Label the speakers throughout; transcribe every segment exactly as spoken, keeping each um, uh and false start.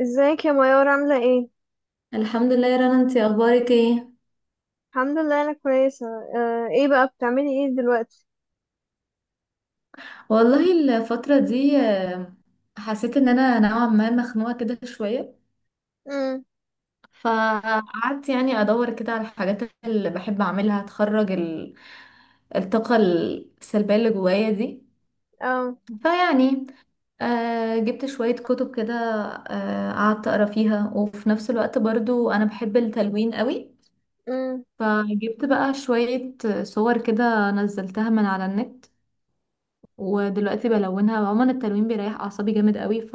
Speaker 1: ازيك يا ميار، عاملة ايه؟
Speaker 2: الحمد لله يا رنا، انتي اخبارك ايه؟
Speaker 1: الحمد لله، انا كويسة. آه ايه بقى بتعملي ايه دلوقتي؟
Speaker 2: والله، الفترة دي آه، حسيت ان انا نوعا ما مخنوقة كده شوية.
Speaker 1: امم.
Speaker 2: فقعدت يعني ادور كده على الحاجات اللي بحب اعملها تخرج ال- الطاقة السلبية اللي جوايا دي.
Speaker 1: اه.
Speaker 2: فيعني آه، جبت شوية كتب كده. آه، قعدت اقرا فيها، وفي نفس الوقت برضو انا بحب التلوين قوي.
Speaker 1: امم.
Speaker 2: فجبت بقى شوية صور كده نزلتها من على النت، ودلوقتي بلونها. عموما التلوين بيريح اعصابي جامد قوي. ف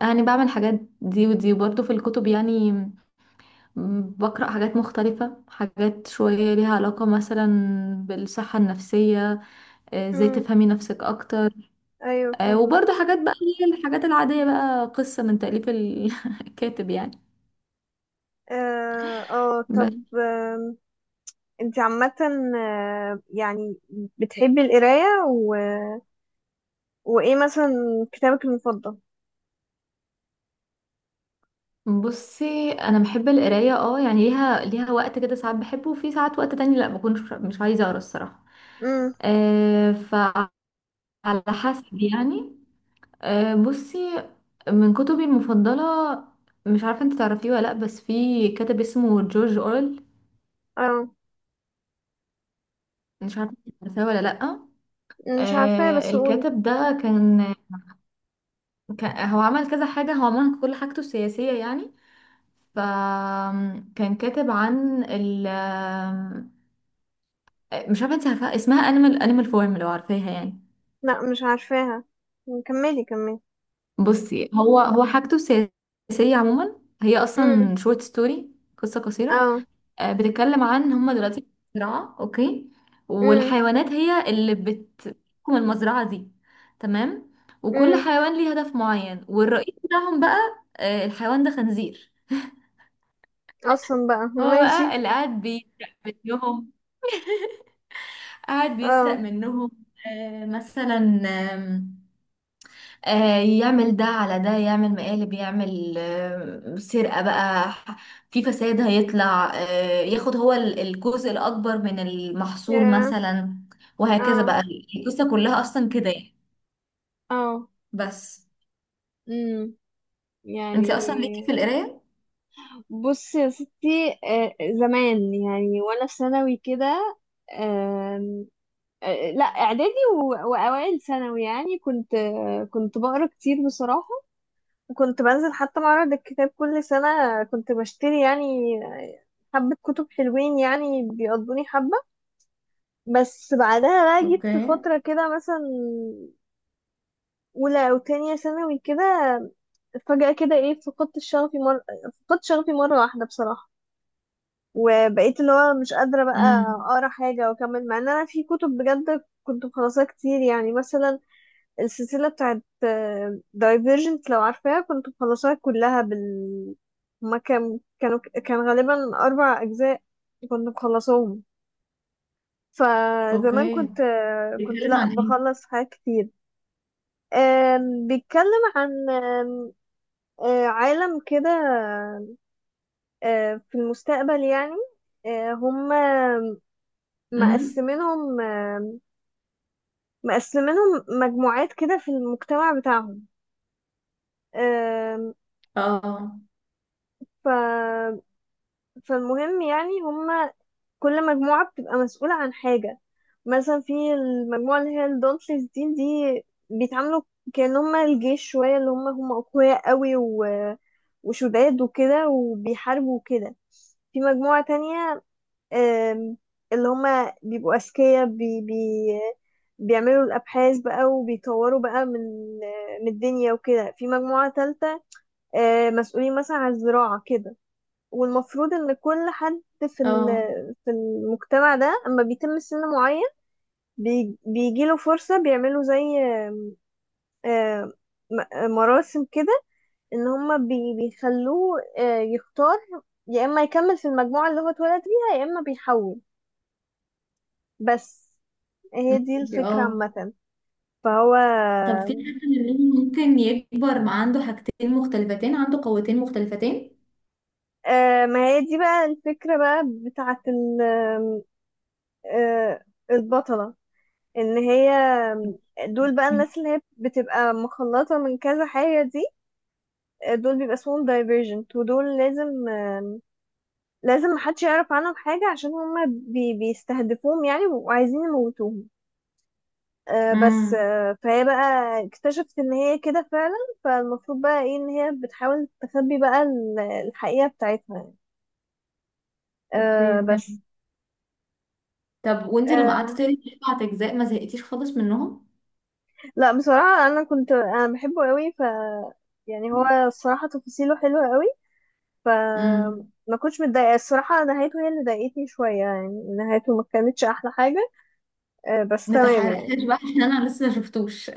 Speaker 2: يعني بعمل حاجات دي ودي برضه في الكتب يعني. م- بقرأ حاجات مختلفة، حاجات شوية ليها علاقة مثلا بالصحة النفسية. آه، ازاي
Speaker 1: امم.
Speaker 2: تفهمي نفسك اكتر.
Speaker 1: ايوه،
Speaker 2: آه،
Speaker 1: فاهمة.
Speaker 2: وبرضه حاجات بقى اللي هي الحاجات العادية بقى، قصة من تأليف ال- الكاتب يعني.
Speaker 1: اه، اه،
Speaker 2: بس.
Speaker 1: طب، آم، انت عامة. آه، يعني، بتحبي القراية و... وايه مثلا كتابك المفضل؟
Speaker 2: بصي، انا بحب القرايه، اه، يعني ليها ليها وقت كده. ساعات بحبه، وفي ساعات وقت تاني لا، بكون مش مش عايزه اقرا الصراحه.
Speaker 1: امم.
Speaker 2: آه. على حسب يعني. آه، بصي، من كتبي المفضلة، مش عارفة انت تعرفيه ولا لأ، بس في كاتب اسمه جورج أورل.
Speaker 1: اه،
Speaker 2: مش عارفة انت تعرفيه ولا لأ.
Speaker 1: مش عارفاها
Speaker 2: آه،
Speaker 1: بس قولي.
Speaker 2: الكاتب ده كان- كان- هو عمل كذا حاجة، هو عمل كل حاجته السياسية يعني. فكان كاتب عن ال آه، مش عارفة انت عارفة اسمها انيمال انيمال فورم، لو عارفاها يعني.
Speaker 1: لا، مش عارفاها. كملي كملي.
Speaker 2: بصي، هو هو حاجته السياسية عموما هي
Speaker 1: امم.
Speaker 2: أصلا شورت ستوري، قصة قصيرة.
Speaker 1: اه.
Speaker 2: آه، بتتكلم عن، هما دلوقتي في مزرعة، اوكي،
Speaker 1: امم.
Speaker 2: والحيوانات هي اللي بتحكم المزرعة دي. تمام. وكل
Speaker 1: امم.
Speaker 2: حيوان ليه هدف معين، والرئيس بتاعهم بقى، آه، الحيوان ده خنزير.
Speaker 1: اصلا بقى
Speaker 2: هو بقى
Speaker 1: ماشي.
Speaker 2: اللي قاعد بيسرق منهم قاعد بيسرق
Speaker 1: اه.
Speaker 2: منهم. آه، مثلا آه، يعمل ده على ده، يعمل مقالب، يعمل آه، سرقة بقى. ح- في فساد. هيطلع آه، ياخد هو ال- الجزء الأكبر من المحصول
Speaker 1: يا.
Speaker 2: مثلا، وهكذا
Speaker 1: اه.
Speaker 2: بقى. القصة كلها أصلا كده يعني.
Speaker 1: اه.
Speaker 2: بس.
Speaker 1: امم.
Speaker 2: انت
Speaker 1: يعني
Speaker 2: أصلا ليكي في القراية؟
Speaker 1: بص يا ستي، آه، زمان يعني وانا في ثانوي كده. آم، آه، لا، اعدادي و- واوائل ثانوي، يعني كنت، آه، كنت بقرا كتير بصراحه. وكنت بنزل حتى معرض الكتاب كل سنه، كنت بشتري يعني آه، حبه كتب حلوين، يعني بيقضوني حبه. بس بعدها بقى جيت
Speaker 2: اوكي.
Speaker 1: في فتره كده، مثلا اولى او تانية ثانوي كده، فجاه كده ايه، فقدت شغفي مره فقدت شغفي مره واحده بصراحه. وبقيت اللي هو مش قادرة بقى
Speaker 2: امم.
Speaker 1: أقرأ حاجة وأكمل، مع إن أنا في كتب بجد كنت مخلصاها كتير. يعني مثلا السلسلة بتاعت دايفيرجنت، لو عارفاها، كنت مخلصاها كلها. بال هما كان كانوا كان غالبا أربع أجزاء، كنت مخلصاهم. فزمان
Speaker 2: اوكي،
Speaker 1: كنت، آه، كنت
Speaker 2: بيتكلم
Speaker 1: لأ
Speaker 2: عن ايه؟
Speaker 1: بخلص حاجات كتير. آم، بيتكلم عن آم، آه، عالم كده، آه، في المستقبل يعني. آه، هما،
Speaker 2: امم.
Speaker 1: مقسمينهم آم، مقسمينهم مجموعات كده في المجتمع بتاعهم. آم،
Speaker 2: اه،
Speaker 1: ف... فالمهم يعني هما كل مجموعة بتبقى مسؤولة عن حاجة. مثلا في المجموعة اللي هي الدونتلز دي دي، بيتعاملوا كأن هما الجيش شوية، اللي هما هما أقوياء قوي و... وشداد وكده، وبيحاربوا وكده. في مجموعة تانية، آم، اللي هما بيبقوا أذكياء، بي بي بيعملوا الأبحاث بقى وبيطوروا بقى من من الدنيا وكده. في مجموعة تالتة آه، مسؤولين مثلا عن الزراعة كده. والمفروض إن كل حد في
Speaker 2: اه.
Speaker 1: ال- في المجتمع ده، أما بيتم سن معين، بي- بيجيله فرصة، بيعملوا زي آه، م- مراسم كده، إن هما بي- بيخلوه آه، يختار يا إما يكمل في المجموعة اللي هو اتولد بيها، يا إما بيحول. بس هي دي
Speaker 2: ممكن-
Speaker 1: الفكرة
Speaker 2: اه،
Speaker 1: عامة. فهو،
Speaker 2: طب في حد منهم ممكن يكبر مع عنده حاجتين مختلفتين، عنده قوتين مختلفتين؟
Speaker 1: آه ما هي دي بقى الفكرة بقى بتاعة ال- آه البطلة، ان هي، دول بقى الناس اللي هي بتبقى مخلطة من كذا حاجة دي، آه، دول بيبقى اسمهم دايفرجنت، ودول لازم آه لازم محدش يعرف عنهم حاجة، عشان هما بي بيستهدفوهم يعني وعايزين يموتوهم. آه بس
Speaker 2: امم.
Speaker 1: آه فهي بقى اكتشفت ان هي كده فعلا. فالمفروض بقى ايه، ان هي بتحاول تخبي بقى ال- الحقيقة بتاعتها يعني.
Speaker 2: اوكي،
Speaker 1: آه بس
Speaker 2: فهمت. طب وانت لما قعدت
Speaker 1: آه
Speaker 2: تقري سبعة اجزاء، ما زهقتيش خالص منهم؟
Speaker 1: لا، بصراحة أنا كنت أنا بحبه قوي، ف يعني هو الصراحة تفاصيله حلوة قوي، ف
Speaker 2: امم.
Speaker 1: ما كنتش متضايقة الصراحة. نهايته هي اللي ضايقتني شوية، يعني نهايته ما كانتش أحلى حاجة. آه بس
Speaker 2: ما
Speaker 1: تمام يعني.
Speaker 2: تحرقهاش بقى عشان انا لسه ما شفتوش.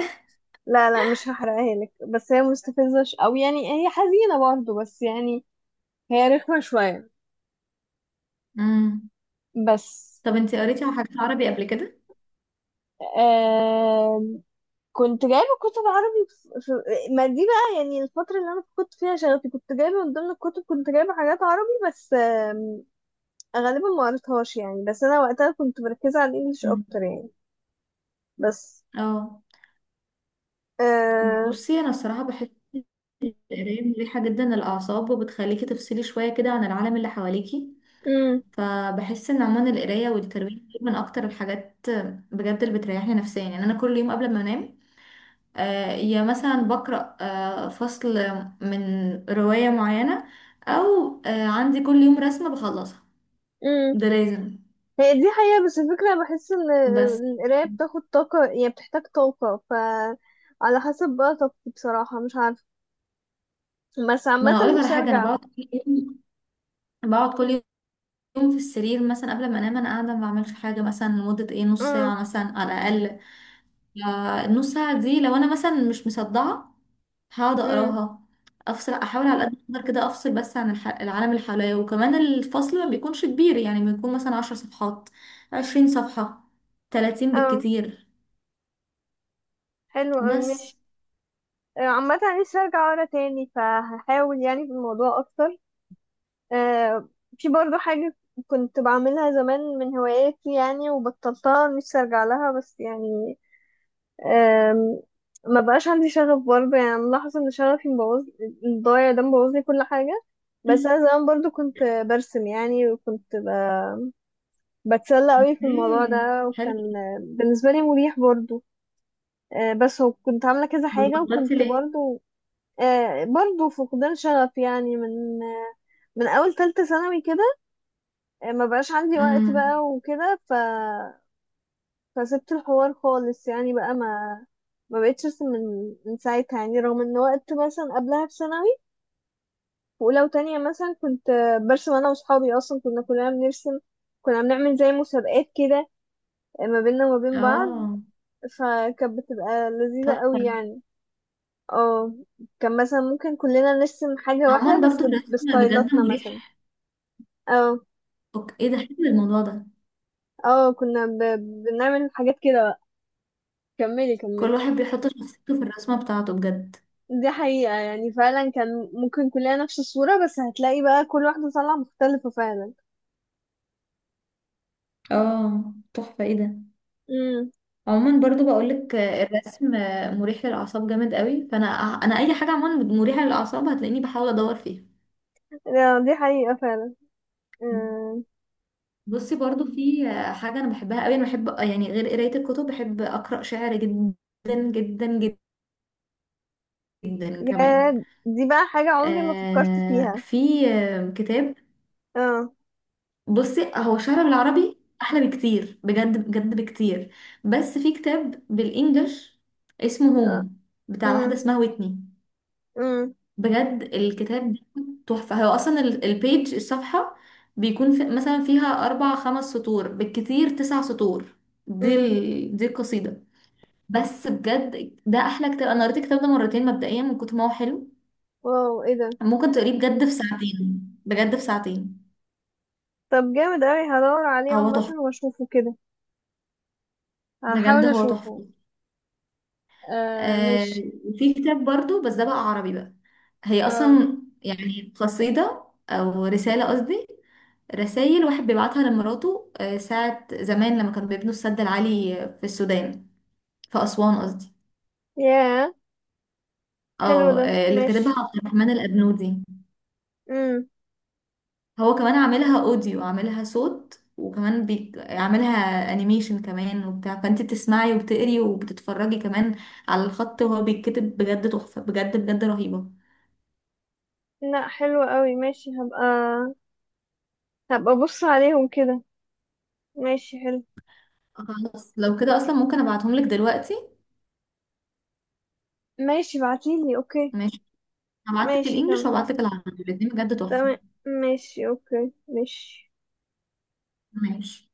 Speaker 1: لا، لا، مش هحرقها لك، بس هي مستفزة، ش... أو يعني هي حزينة برضه، بس يعني هي رخمة شوية.
Speaker 2: امم.
Speaker 1: بس
Speaker 2: طب انت قريتي على حاجات عربي قبل كده؟
Speaker 1: آه كنت جايبة كتب عربي، في... في... ما دي بقى يعني الفترة اللي أنا كنت فيها شغفي، كنت جايبة من ضمن الكتب، كنت جايبة حاجات عربي، بس آم، غالبا ما قريتهاش يعني، بس أنا وقتها كنت مركزة على الإنجليش
Speaker 2: مم.
Speaker 1: أكتر يعني. بس
Speaker 2: اه،
Speaker 1: آه...
Speaker 2: بصي انا الصراحه بحس، القرايه مريحه جدا للاعصاب، وبتخليكي تفصلي شويه كده عن العالم اللي حواليكي.
Speaker 1: مم.
Speaker 2: فبحس ان عموما القرايه والترويج من اكتر الحاجات بجد اللي بتريحني نفسيا. يعني انا كل يوم قبل ما انام، آه، يا مثلا بقرأ آه، فصل من رواية معينة، أو آه، عندي كل يوم رسمة بخلصها.
Speaker 1: مم.
Speaker 2: ده لازم.
Speaker 1: هي دي حقيقة، بس الفكرة بحس إن
Speaker 2: بس.
Speaker 1: القراية بتاخد طاقة، يعني بتحتاج طاقة، ف على حسب بقى طاقتي، بصراحة مش عارفة، بس
Speaker 2: ما
Speaker 1: عامة
Speaker 2: أنا أقولك على
Speaker 1: نفسي
Speaker 2: حاجة، أنا
Speaker 1: أرجع.
Speaker 2: بقعد كل يوم بقعد كل يوم في السرير مثلا قبل ما أنام. أنا قاعدة ما بعملش حاجة مثلا لمدة إيه، نص
Speaker 1: مم.
Speaker 2: ساعة مثلا على الأقل. آه، النص ساعة دي لو أنا مثلا مش مصدعة، هقعد
Speaker 1: مم.
Speaker 2: اقراها. افصل، احاول على قد ما اقدر كده افصل بس عن الح... العالم اللي حواليا. وكمان الفصل ما بيكونش كبير، يعني بيكون مثلا عشر صفحات، عشرين صفحة، تلاتين
Speaker 1: اه،
Speaker 2: بالكتير.
Speaker 1: حلو أوي ماشي.
Speaker 2: بس.
Speaker 1: آه، عامة نفسي ارجع ورا تاني، فهحاول يعني في الموضوع اكتر. آه، في برضو حاجة كنت بعملها زمان من هواياتي يعني، وبطلتها، نفسي ارجع لها، بس يعني آم، ما بقاش عندي شغف برضه. يعني ملاحظة ان شغفي مبوظ، الضايع ده مبوظ لي كل حاجة. بس انا زمان برضو كنت برسم يعني، وكنت ب... بتسلى قوي في الموضوع
Speaker 2: ايه،
Speaker 1: ده،
Speaker 2: حلو.
Speaker 1: وكان بالنسبة لي مريح برضو. آه، بس هو كنت عاملة كذا حاجة،
Speaker 2: بطلتي
Speaker 1: وكنت
Speaker 2: ليه؟
Speaker 1: برضو، آه، برضو فقدان شغف يعني، من آه، من اول تالتة ثانوي كده. آه، ما بقاش عندي وقت
Speaker 2: امم.
Speaker 1: بقى وكده، ف فسبت الحوار خالص يعني، بقى ما ما بقتش ارسم من من ساعتها يعني، رغم ان وقت مثلا قبلها في ثانوي، في اولى وتانية مثلا، كنت آه، برسم انا واصحابي، اصلا كنا كلنا بنرسم، كنا بنعمل زي مسابقات كده آه، ما بيننا وما بين بعض.
Speaker 2: اه،
Speaker 1: فكانت بتبقى لذيذة قوي
Speaker 2: تحفة.
Speaker 1: يعني. اه. كان مثلا ممكن كلنا نرسم حاجة واحدة
Speaker 2: عموما برضو
Speaker 1: بس
Speaker 2: الرسم بجد
Speaker 1: بستايلاتنا مثلا.
Speaker 2: مريح.
Speaker 1: اه،
Speaker 2: أوك- ايه ده، حلو الموضوع ده.
Speaker 1: اه، كنا ب... بنعمل حاجات كده بقى. كملي
Speaker 2: كل
Speaker 1: كملي.
Speaker 2: واحد بيحط شخصيته في الرسمة بتاعته بجد.
Speaker 1: دي حقيقة يعني، فعلا كان ممكن كلنا نفس الصورة، بس هتلاقي بقى كل واحدة طالعة مختلفة فعلا.
Speaker 2: اه، تحفة، ايه ده.
Speaker 1: امم.
Speaker 2: عموما برضو بقولك، آه، الرسم آه، مريح للأعصاب جامد قوي. فأنا، أنا أي حاجة عموما مريحة للأعصاب هتلاقيني بحاول أدور فيها.
Speaker 1: لا، دي حقيقة فعلا. امم.
Speaker 2: بصي برضو في آه، حاجة أنا بحبها قوي. أنا بحب يعني، غير قراية الكتب، بحب أقرأ شعر جدا جدا جدا
Speaker 1: يا،
Speaker 2: كمان.
Speaker 1: دي بقى حاجة عمري ما فكرت
Speaker 2: آه،
Speaker 1: فيها.
Speaker 2: في آه، كتاب.
Speaker 1: اه،
Speaker 2: بصي هو شعر بالعربي أحلى بكتير، بجد بجد بكتير. بس في كتاب بالإنجلش اسمه
Speaker 1: اه،
Speaker 2: هوم، بتاع واحدة
Speaker 1: امم،
Speaker 2: اسمها ويتني.
Speaker 1: امم،
Speaker 2: بجد الكتاب بيكون تحفة. هو أصلا ال- البيج، الصفحة، بيكون في مثلا فيها أربع خمس سطور، بالكتير تسع سطور. دي
Speaker 1: امم.
Speaker 2: ال... دي القصيدة. بس بجد ده أحلى كتاب، أنا قريت الكتاب ده مرتين مبدئيا من كتر ما هو حلو.
Speaker 1: واو، ايه ده؟
Speaker 2: ممكن تقريه بجد في ساعتين. بجد في ساعتين.
Speaker 1: طب جامد اوي، هدور عليه
Speaker 2: هو
Speaker 1: عامة
Speaker 2: تحفة،
Speaker 1: واشوفه كده،
Speaker 2: بجد
Speaker 1: هحاول
Speaker 2: هو
Speaker 1: اشوفه.
Speaker 2: تحفة.
Speaker 1: آه
Speaker 2: آه.
Speaker 1: مش.
Speaker 2: وفي كتاب برضو بس ده بقى عربي بقى، هي
Speaker 1: اه.
Speaker 2: أصلا يعني قصيدة، أو رسالة قصدي، رسائل واحد بيبعتها لمراته آه، ساعة زمان لما كانوا بيبنوا السد العالي في السودان، في أسوان قصدي.
Speaker 1: ياه، حلو
Speaker 2: اه،
Speaker 1: ده
Speaker 2: آه، اللي
Speaker 1: مش.
Speaker 2: كاتبها عبد الرحمن الأبنودي.
Speaker 1: امم.
Speaker 2: هو كمان عاملها أوديو، عاملها صوت، وكمان بي... عاملها أنيميشن كمان وبتاع. فأنت بتسمعي وبتقري وبتتفرجي كمان على الخط وهو بيتكتب. بجد تحفة، بجد بجد رهيبة.
Speaker 1: لا، حلو قوي، ماشي هبقى هبقى بص عليهم كده. ماشي، حلو.
Speaker 2: خلاص لو كده أصلا ممكن أبعتهم لك دلوقتي.
Speaker 1: ماشي، بعتيلي اوكي.
Speaker 2: ماشي. هبعتلك
Speaker 1: ماشي،
Speaker 2: الإنجليش
Speaker 1: تمام.
Speaker 2: وهبعتلك العربي، الاتنين بجد تحفة.
Speaker 1: تمام. ماشي، اوكي، ماشي.
Speaker 2: ماشي.